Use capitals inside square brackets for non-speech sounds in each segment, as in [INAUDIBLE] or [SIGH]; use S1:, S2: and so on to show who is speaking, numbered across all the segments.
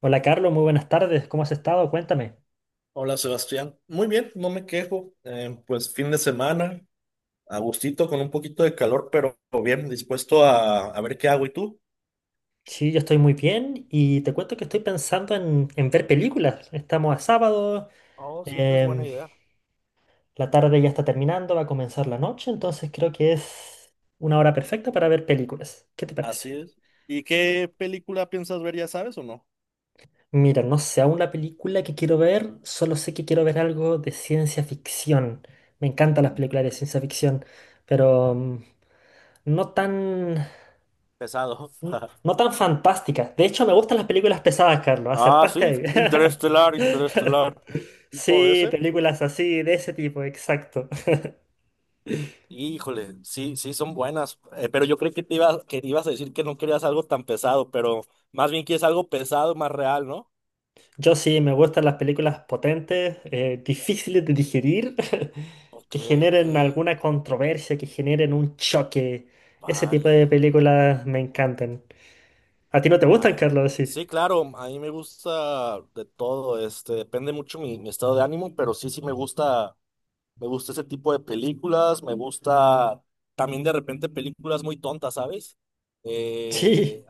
S1: Hola Carlos, muy buenas tardes, ¿cómo has estado? Cuéntame.
S2: Hola Sebastián, muy bien, no me quejo. Pues fin de semana, a gustito, con un poquito de calor, pero bien dispuesto a ver qué hago. ¿Y tú?
S1: Sí, yo estoy muy bien y te cuento que estoy pensando en ver películas. Estamos a sábado,
S2: Oh, siempre es buena
S1: em,
S2: idea.
S1: la tarde ya está terminando, va a comenzar la noche, entonces creo que es una hora perfecta para ver películas. ¿Qué te
S2: Así
S1: parece?
S2: es. ¿Y qué película piensas ver, ya sabes o no?
S1: Mira, no sé aún la película que quiero ver, solo sé que quiero ver algo de ciencia ficción. Me encantan las
S2: Mm.
S1: películas de ciencia ficción, pero
S2: Ah.
S1: no tan...
S2: Pesado.
S1: No,
S2: [LAUGHS]
S1: no tan fantásticas. De hecho, me gustan las películas pesadas, Carlos.
S2: Ah,
S1: Acertaste
S2: sí,
S1: ahí.
S2: Interestelar, Interestelar.
S1: [LAUGHS]
S2: ¿Tipo de
S1: Sí,
S2: ese?
S1: películas así, de ese tipo, exacto.
S2: Híjole, sí, sí, son buenas. Pero yo creí que te ibas, que ibas a decir que no querías algo tan pesado, pero más bien quieres algo pesado, más real, ¿no?
S1: Yo sí, me gustan las películas potentes, difíciles de digerir, [LAUGHS]
S2: Ok,
S1: que
S2: ok,
S1: generen alguna controversia, que generen un choque. Ese tipo
S2: vale.
S1: de películas me encantan. ¿A ti no te gustan,
S2: Vale.
S1: Carlos? Sí.
S2: Sí, claro, a mí me gusta de todo, este, depende mucho mi estado de ánimo, pero sí, sí me gusta ese tipo de películas, me gusta también de repente películas muy tontas, ¿sabes?
S1: Sí.
S2: Eh,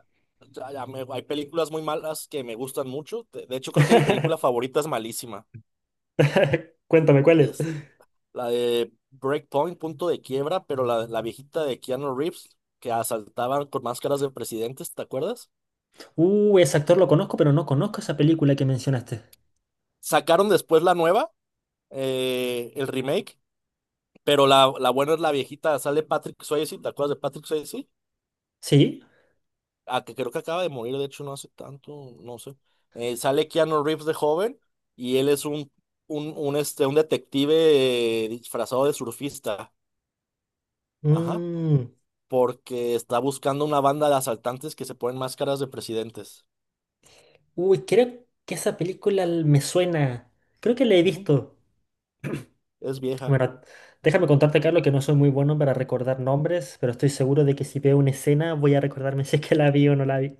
S2: hay películas muy malas que me gustan mucho, de hecho creo que mi película
S1: [LAUGHS]
S2: favorita es malísima,
S1: Cuéntame, ¿cuáles?
S2: es la de Breakpoint, Punto de Quiebra, pero la viejita de Keanu Reeves, que asaltaban con máscaras de presidentes, ¿te acuerdas?
S1: Ese actor lo conozco, pero no conozco esa película que mencionaste.
S2: Sacaron después la nueva, el remake, pero la buena es la viejita, sale Patrick Swayze. ¿Te acuerdas de Patrick Swayze?
S1: ¿Sí?
S2: Ah, que creo que acaba de morir, de hecho, no hace tanto, no sé. Sale Keanu Reeves de joven y él es un detective disfrazado de surfista, ajá,
S1: Mm.
S2: porque está buscando una banda de asaltantes que se ponen máscaras de presidentes.
S1: Uy, creo que esa me suena. Creo que la he
S2: Ujú.
S1: visto.
S2: Es vieja.
S1: Bueno, déjame contarte, Carlos, que no soy muy bueno para recordar nombres, pero estoy seguro de que si veo una escena voy a recordarme [LAUGHS] si es que la vi o no la vi.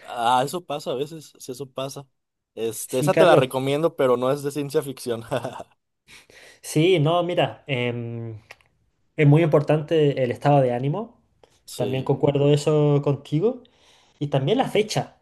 S2: Ah, eso pasa a veces, sí, eso pasa. Este,
S1: Sí,
S2: esa te la
S1: Carlos.
S2: recomiendo, pero no es de ciencia ficción. [LAUGHS]
S1: Sí, no, mira, es muy importante el estado de ánimo. También
S2: Sí.
S1: concuerdo eso contigo. Y también la fecha.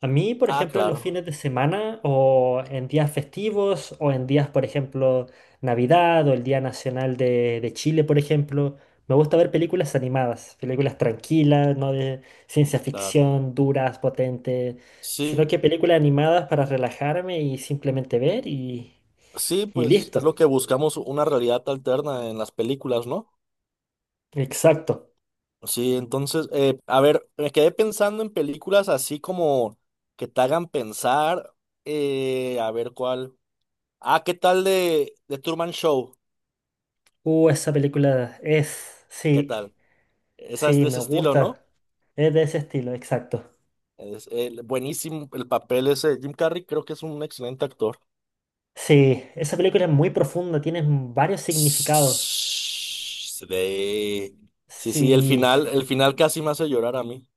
S1: A mí, por
S2: Ah,
S1: ejemplo, en los
S2: claro.
S1: fines de semana o en días festivos o en días, por ejemplo, Navidad o el Día Nacional de Chile, por ejemplo, me gusta ver películas animadas, películas tranquilas, no de ciencia
S2: Claro.
S1: ficción, duras, potentes, sino
S2: Sí,
S1: que películas animadas para relajarme y simplemente ver
S2: sí,
S1: y
S2: pues es
S1: listo.
S2: lo que buscamos, una realidad alterna en las películas, ¿no?
S1: Exacto.
S2: Sí, entonces, a ver, me quedé pensando en películas así como que te hagan pensar, a ver cuál. Ah, ¿qué tal de Truman Show?
S1: Esa película es,
S2: ¿Qué
S1: sí,
S2: tal? Esa es
S1: sí,
S2: de
S1: me
S2: ese estilo, ¿no?
S1: gusta. Es de ese estilo, exacto.
S2: Es buenísimo el papel ese. Jim Carrey creo que es un excelente actor.
S1: Sí, esa película es muy profunda, tiene varios significados.
S2: Sí, sí, sí, el
S1: Sí,
S2: final, el final casi me hace llorar a mí.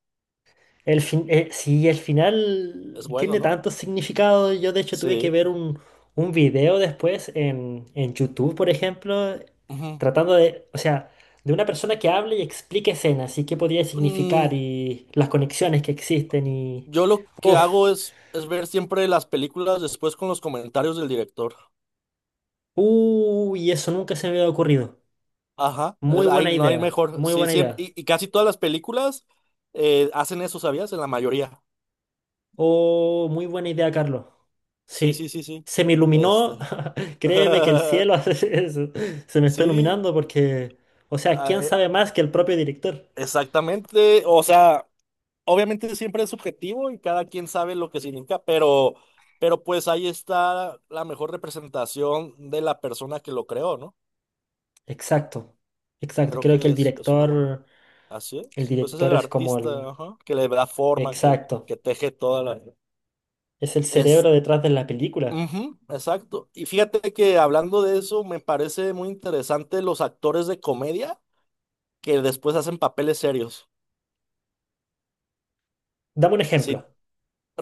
S1: el fin, sí, el final
S2: Es bueno,
S1: tiene
S2: ¿no?
S1: tantos significados. Yo de hecho tuve que
S2: Sí.
S1: ver un video después en YouTube, por ejemplo,
S2: Ujú.
S1: tratando de, o sea, de una persona que hable y explique escenas y qué podría significar
S2: Mm,
S1: y las conexiones que existen y...
S2: yo lo que
S1: Uf,
S2: hago es ver siempre las películas después con los comentarios del director.
S1: uy, eso nunca se me había ocurrido.
S2: Ajá,
S1: Muy buena
S2: no hay
S1: idea,
S2: mejor.
S1: muy
S2: Sí,
S1: buena
S2: siempre,
S1: idea.
S2: y casi todas las películas hacen eso, ¿sabías? En la mayoría.
S1: Oh, muy buena idea, Carlos.
S2: Sí, sí,
S1: Sí,
S2: sí, sí.
S1: se me iluminó.
S2: Este.
S1: [LAUGHS] Créeme que el cielo [LAUGHS]
S2: [LAUGHS]
S1: hace eso. Se me está
S2: Sí,
S1: iluminando porque, o sea,
S2: ah,
S1: ¿quién sabe más que el propio director?
S2: exactamente. O sea, obviamente siempre es subjetivo y cada quien sabe lo que significa, pero, pues ahí está la mejor representación de la persona que lo creó, ¿no?
S1: Exacto, exacto.
S2: Creo
S1: Creo que
S2: que es una buena. Así
S1: el
S2: es. Pues es
S1: director
S2: el
S1: es como el...
S2: artista, ajá, que le da forma,
S1: Exacto,
S2: que teje toda la...
S1: es el
S2: Es...
S1: cerebro detrás de la película.
S2: Ujú, exacto. Y fíjate que hablando de eso, me parece muy interesante los actores de comedia que después hacen papeles serios.
S1: Dame un
S2: Si
S1: ejemplo.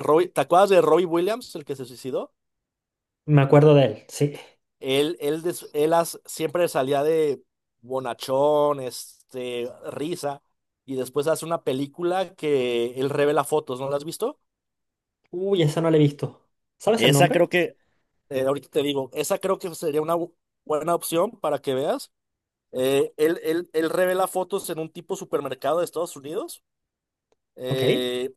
S2: Robbie- ¿Te acuerdas de Robbie Williams, el que se suicidó?
S1: Me acuerdo de él, sí.
S2: Él siempre salía de bonachón, este, risa, y después hace una película que él revela fotos, ¿no la has visto?
S1: Uy, esa no la he visto. ¿Sabes el
S2: Esa
S1: nombre?
S2: creo que Ahorita te digo, esa creo que sería una buena opción para que veas. Él revela fotos en un tipo supermercado de Estados Unidos
S1: Ok.
S2: eh,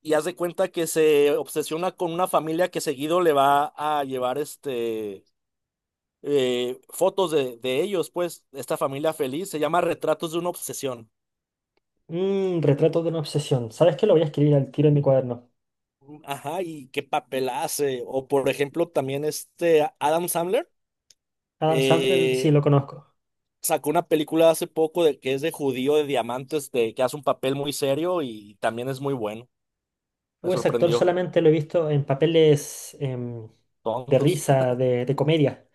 S2: y haz de cuenta que se obsesiona con una familia que seguido le va a llevar este, fotos de ellos, pues, esta familia feliz. Se llama Retratos de una obsesión.
S1: Mm, Retrato de una obsesión. ¿Sabes qué? Lo voy a escribir al tiro en mi cuaderno.
S2: Ajá, y qué papel hace. O por ejemplo, también este Adam Sandler.
S1: Adam Sandler, sí,
S2: eh,
S1: lo conozco.
S2: Sacó una película hace poco de que es de judío de diamantes, que hace un papel muy serio y también es muy bueno. Me
S1: Ese actor
S2: sorprendió.
S1: solamente lo he visto en papeles de
S2: Tontos.
S1: risa,
S2: [LAUGHS]
S1: de comedia.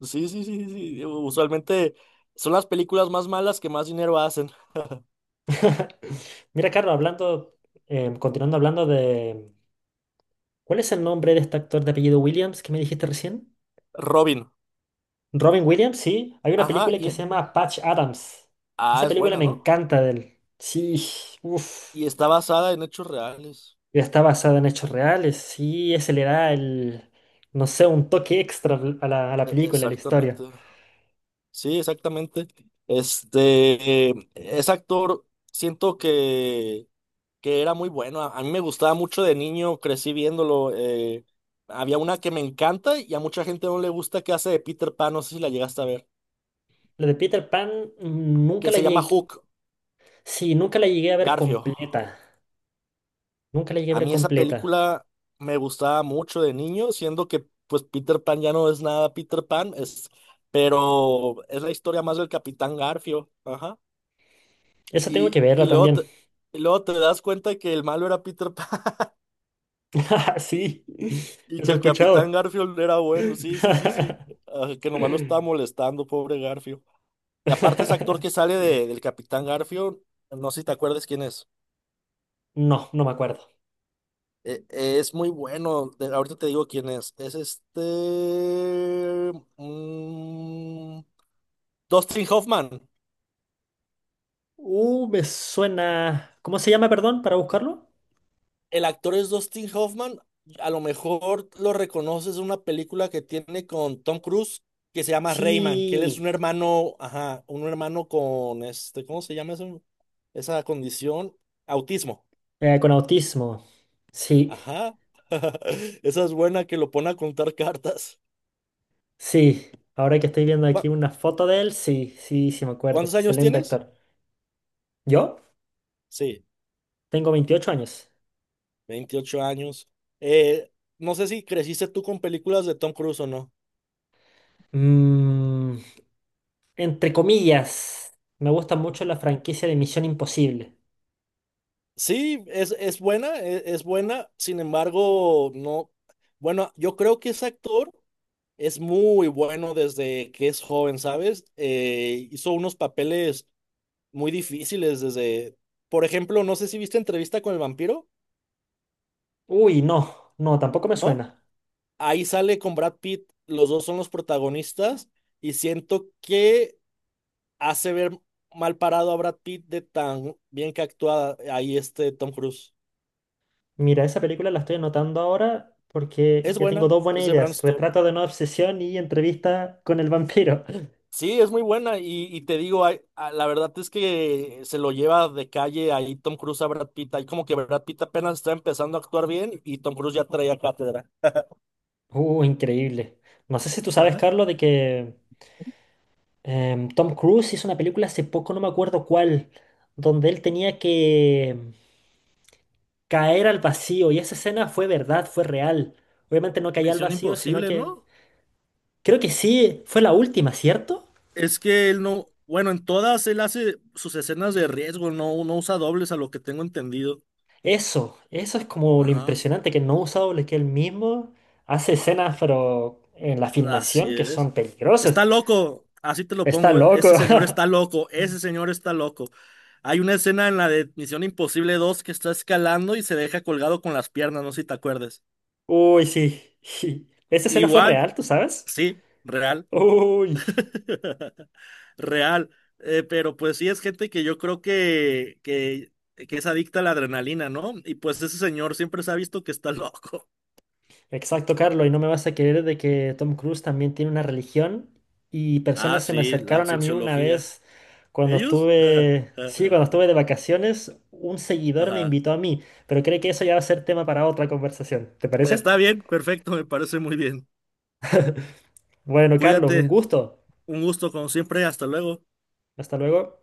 S2: Sí, sí, sí, sí. Usualmente son las películas más malas que más dinero hacen.
S1: [LAUGHS] Mira, Carlos, hablando, continuando hablando de... ¿Cuál es el nombre de este actor de apellido Williams que me dijiste recién?
S2: Robin.
S1: Robin Williams, sí. Hay una
S2: Ajá.
S1: película que
S2: Y,
S1: se llama Patch Adams.
S2: ah,
S1: Esa
S2: es
S1: película
S2: buena,
S1: me
S2: ¿no?
S1: encanta de él. Sí, uff.
S2: Y está basada en hechos reales.
S1: Está basada en hechos reales. Sí, ese le da el, no sé, un toque extra a la película, a la historia.
S2: Exactamente. Sí, exactamente. Este, ese actor, siento que era muy bueno. A mí me gustaba mucho de niño, crecí viéndolo. Había una que me encanta y a mucha gente no le gusta que hace de Peter Pan, no sé si la llegaste a ver,
S1: Lo de Peter Pan nunca
S2: que
S1: la
S2: se llama
S1: llegué,
S2: Hook,
S1: Sí, nunca la llegué a ver
S2: Garfio.
S1: completa. Nunca la llegué a
S2: A
S1: ver
S2: mí esa
S1: completa.
S2: película me gustaba mucho de niño, siendo que pues Peter Pan ya no es nada Peter Pan, pero es la historia más del Capitán Garfio. Ajá.
S1: Esa tengo
S2: Y,
S1: que verla
S2: y luego te,
S1: también.
S2: y luego te das cuenta que el malo era Peter Pan.
S1: [LAUGHS] Sí,
S2: Y
S1: eso
S2: que
S1: he
S2: el Capitán
S1: escuchado.
S2: Garfield era bueno, sí, sí, sí, sí.
S1: [LAUGHS]
S2: Ah, que nomás lo está molestando, pobre Garfield. Y aparte ese actor que sale del Capitán Garfield, no sé si te acuerdas quién es.
S1: No, no me acuerdo.
S2: Es muy bueno, ahorita te digo quién es. Es este... mm, Dustin Hoffman.
S1: Me suena. ¿Cómo se llama, perdón, para buscarlo?
S2: El actor es Dustin Hoffman. A lo mejor lo reconoces en una película que tiene con Tom Cruise que se llama Rayman, que él es
S1: Sí,
S2: un hermano, ajá, un hermano con este, ¿cómo se llama eso? Esa condición, autismo.
S1: con autismo. Sí,
S2: Ajá. [LAUGHS] Esa es buena, que lo pone a contar cartas.
S1: sí. Ahora que estoy viendo aquí
S2: Cu-
S1: una foto de él, sí, sí, sí me acuerdo.
S2: ¿Cuántos años
S1: Excelente
S2: tienes?
S1: actor. ¿Yo?
S2: Sí,
S1: Tengo 28 años.
S2: 28 años. Eh, no sé si creciste tú con películas de Tom Cruise o no.
S1: Mmm... Entre comillas, me gusta mucho la franquicia de Misión Imposible.
S2: Sí, es buena, buena, sin embargo, no. Bueno, yo creo que ese actor es muy bueno desde que es joven, ¿sabes? Hizo unos papeles muy difíciles desde, por ejemplo, no sé si viste Entrevista con el vampiro,
S1: Uy, no, no, tampoco me
S2: ¿no?
S1: suena.
S2: Ahí sale con Brad Pitt, los dos son los protagonistas y siento que hace ver mal parado a Brad Pitt de tan bien que actúa ahí este Tom Cruise.
S1: Mira, esa película la estoy anotando ahora porque
S2: Es
S1: ya
S2: buena,
S1: tengo dos buenas
S2: es de Bram
S1: ideas.
S2: Stoker.
S1: Retrato de una obsesión y entrevista con el vampiro. [LAUGHS]
S2: Sí, es muy buena y te digo, la verdad es que se lo lleva de calle ahí Tom Cruise a Brad Pitt. Ahí como que Brad Pitt apenas está empezando a actuar bien y Tom Cruise ya traía cátedra.
S1: Increíble. No sé si tú
S2: [LAUGHS]
S1: sabes,
S2: Ajá.
S1: Carlos, de que Tom Cruise hizo una película hace poco, no me acuerdo cuál, donde él tenía que caer al vacío y esa escena fue verdad, fue real. Obviamente no caía al
S2: Misión
S1: vacío, sino
S2: Imposible,
S1: que
S2: ¿no?
S1: Creo que sí, fue la última, ¿cierto?
S2: Es que él no, bueno, en todas él hace sus escenas de riesgo, no, no usa dobles a lo que tengo entendido.
S1: Eso es como lo
S2: Ajá,
S1: impresionante, que no ha usado lo que él mismo hace escenas, pero en la
S2: así
S1: filmación que
S2: es.
S1: son
S2: Está
S1: peligrosas.
S2: loco, así te lo
S1: Está
S2: pongo,
S1: loco.
S2: ese señor está loco, ese señor está loco. Hay una escena en la de Misión Imposible 2 que está escalando y se deja colgado con las piernas, no sé si te acuerdas.
S1: [LAUGHS] Uy, sí. [LAUGHS] Esa escena fue
S2: Igual,
S1: real, ¿tú sabes?
S2: sí, real.
S1: Uy.
S2: [LAUGHS] Real. Pero pues sí es gente que yo creo que es adicta a la adrenalina, ¿no? Y pues ese señor siempre se ha visto que está [LAUGHS] loco.
S1: Exacto, Carlos, y no me vas a querer de que Tom Cruise también tiene una religión y
S2: Ah,
S1: personas se me
S2: sí, la
S1: acercaron a mí una
S2: cienciología.
S1: vez cuando
S2: ¿Ellos? [LAUGHS]
S1: estuve, sí, cuando estuve de vacaciones, un seguidor me
S2: Ajá.
S1: invitó a mí, pero creo que eso ya va a ser tema para otra conversación, ¿te parece?
S2: Está bien, perfecto, me parece muy bien.
S1: Bueno, Carlos, un
S2: Cuídate.
S1: gusto.
S2: Un gusto, como siempre, hasta luego.
S1: Hasta luego.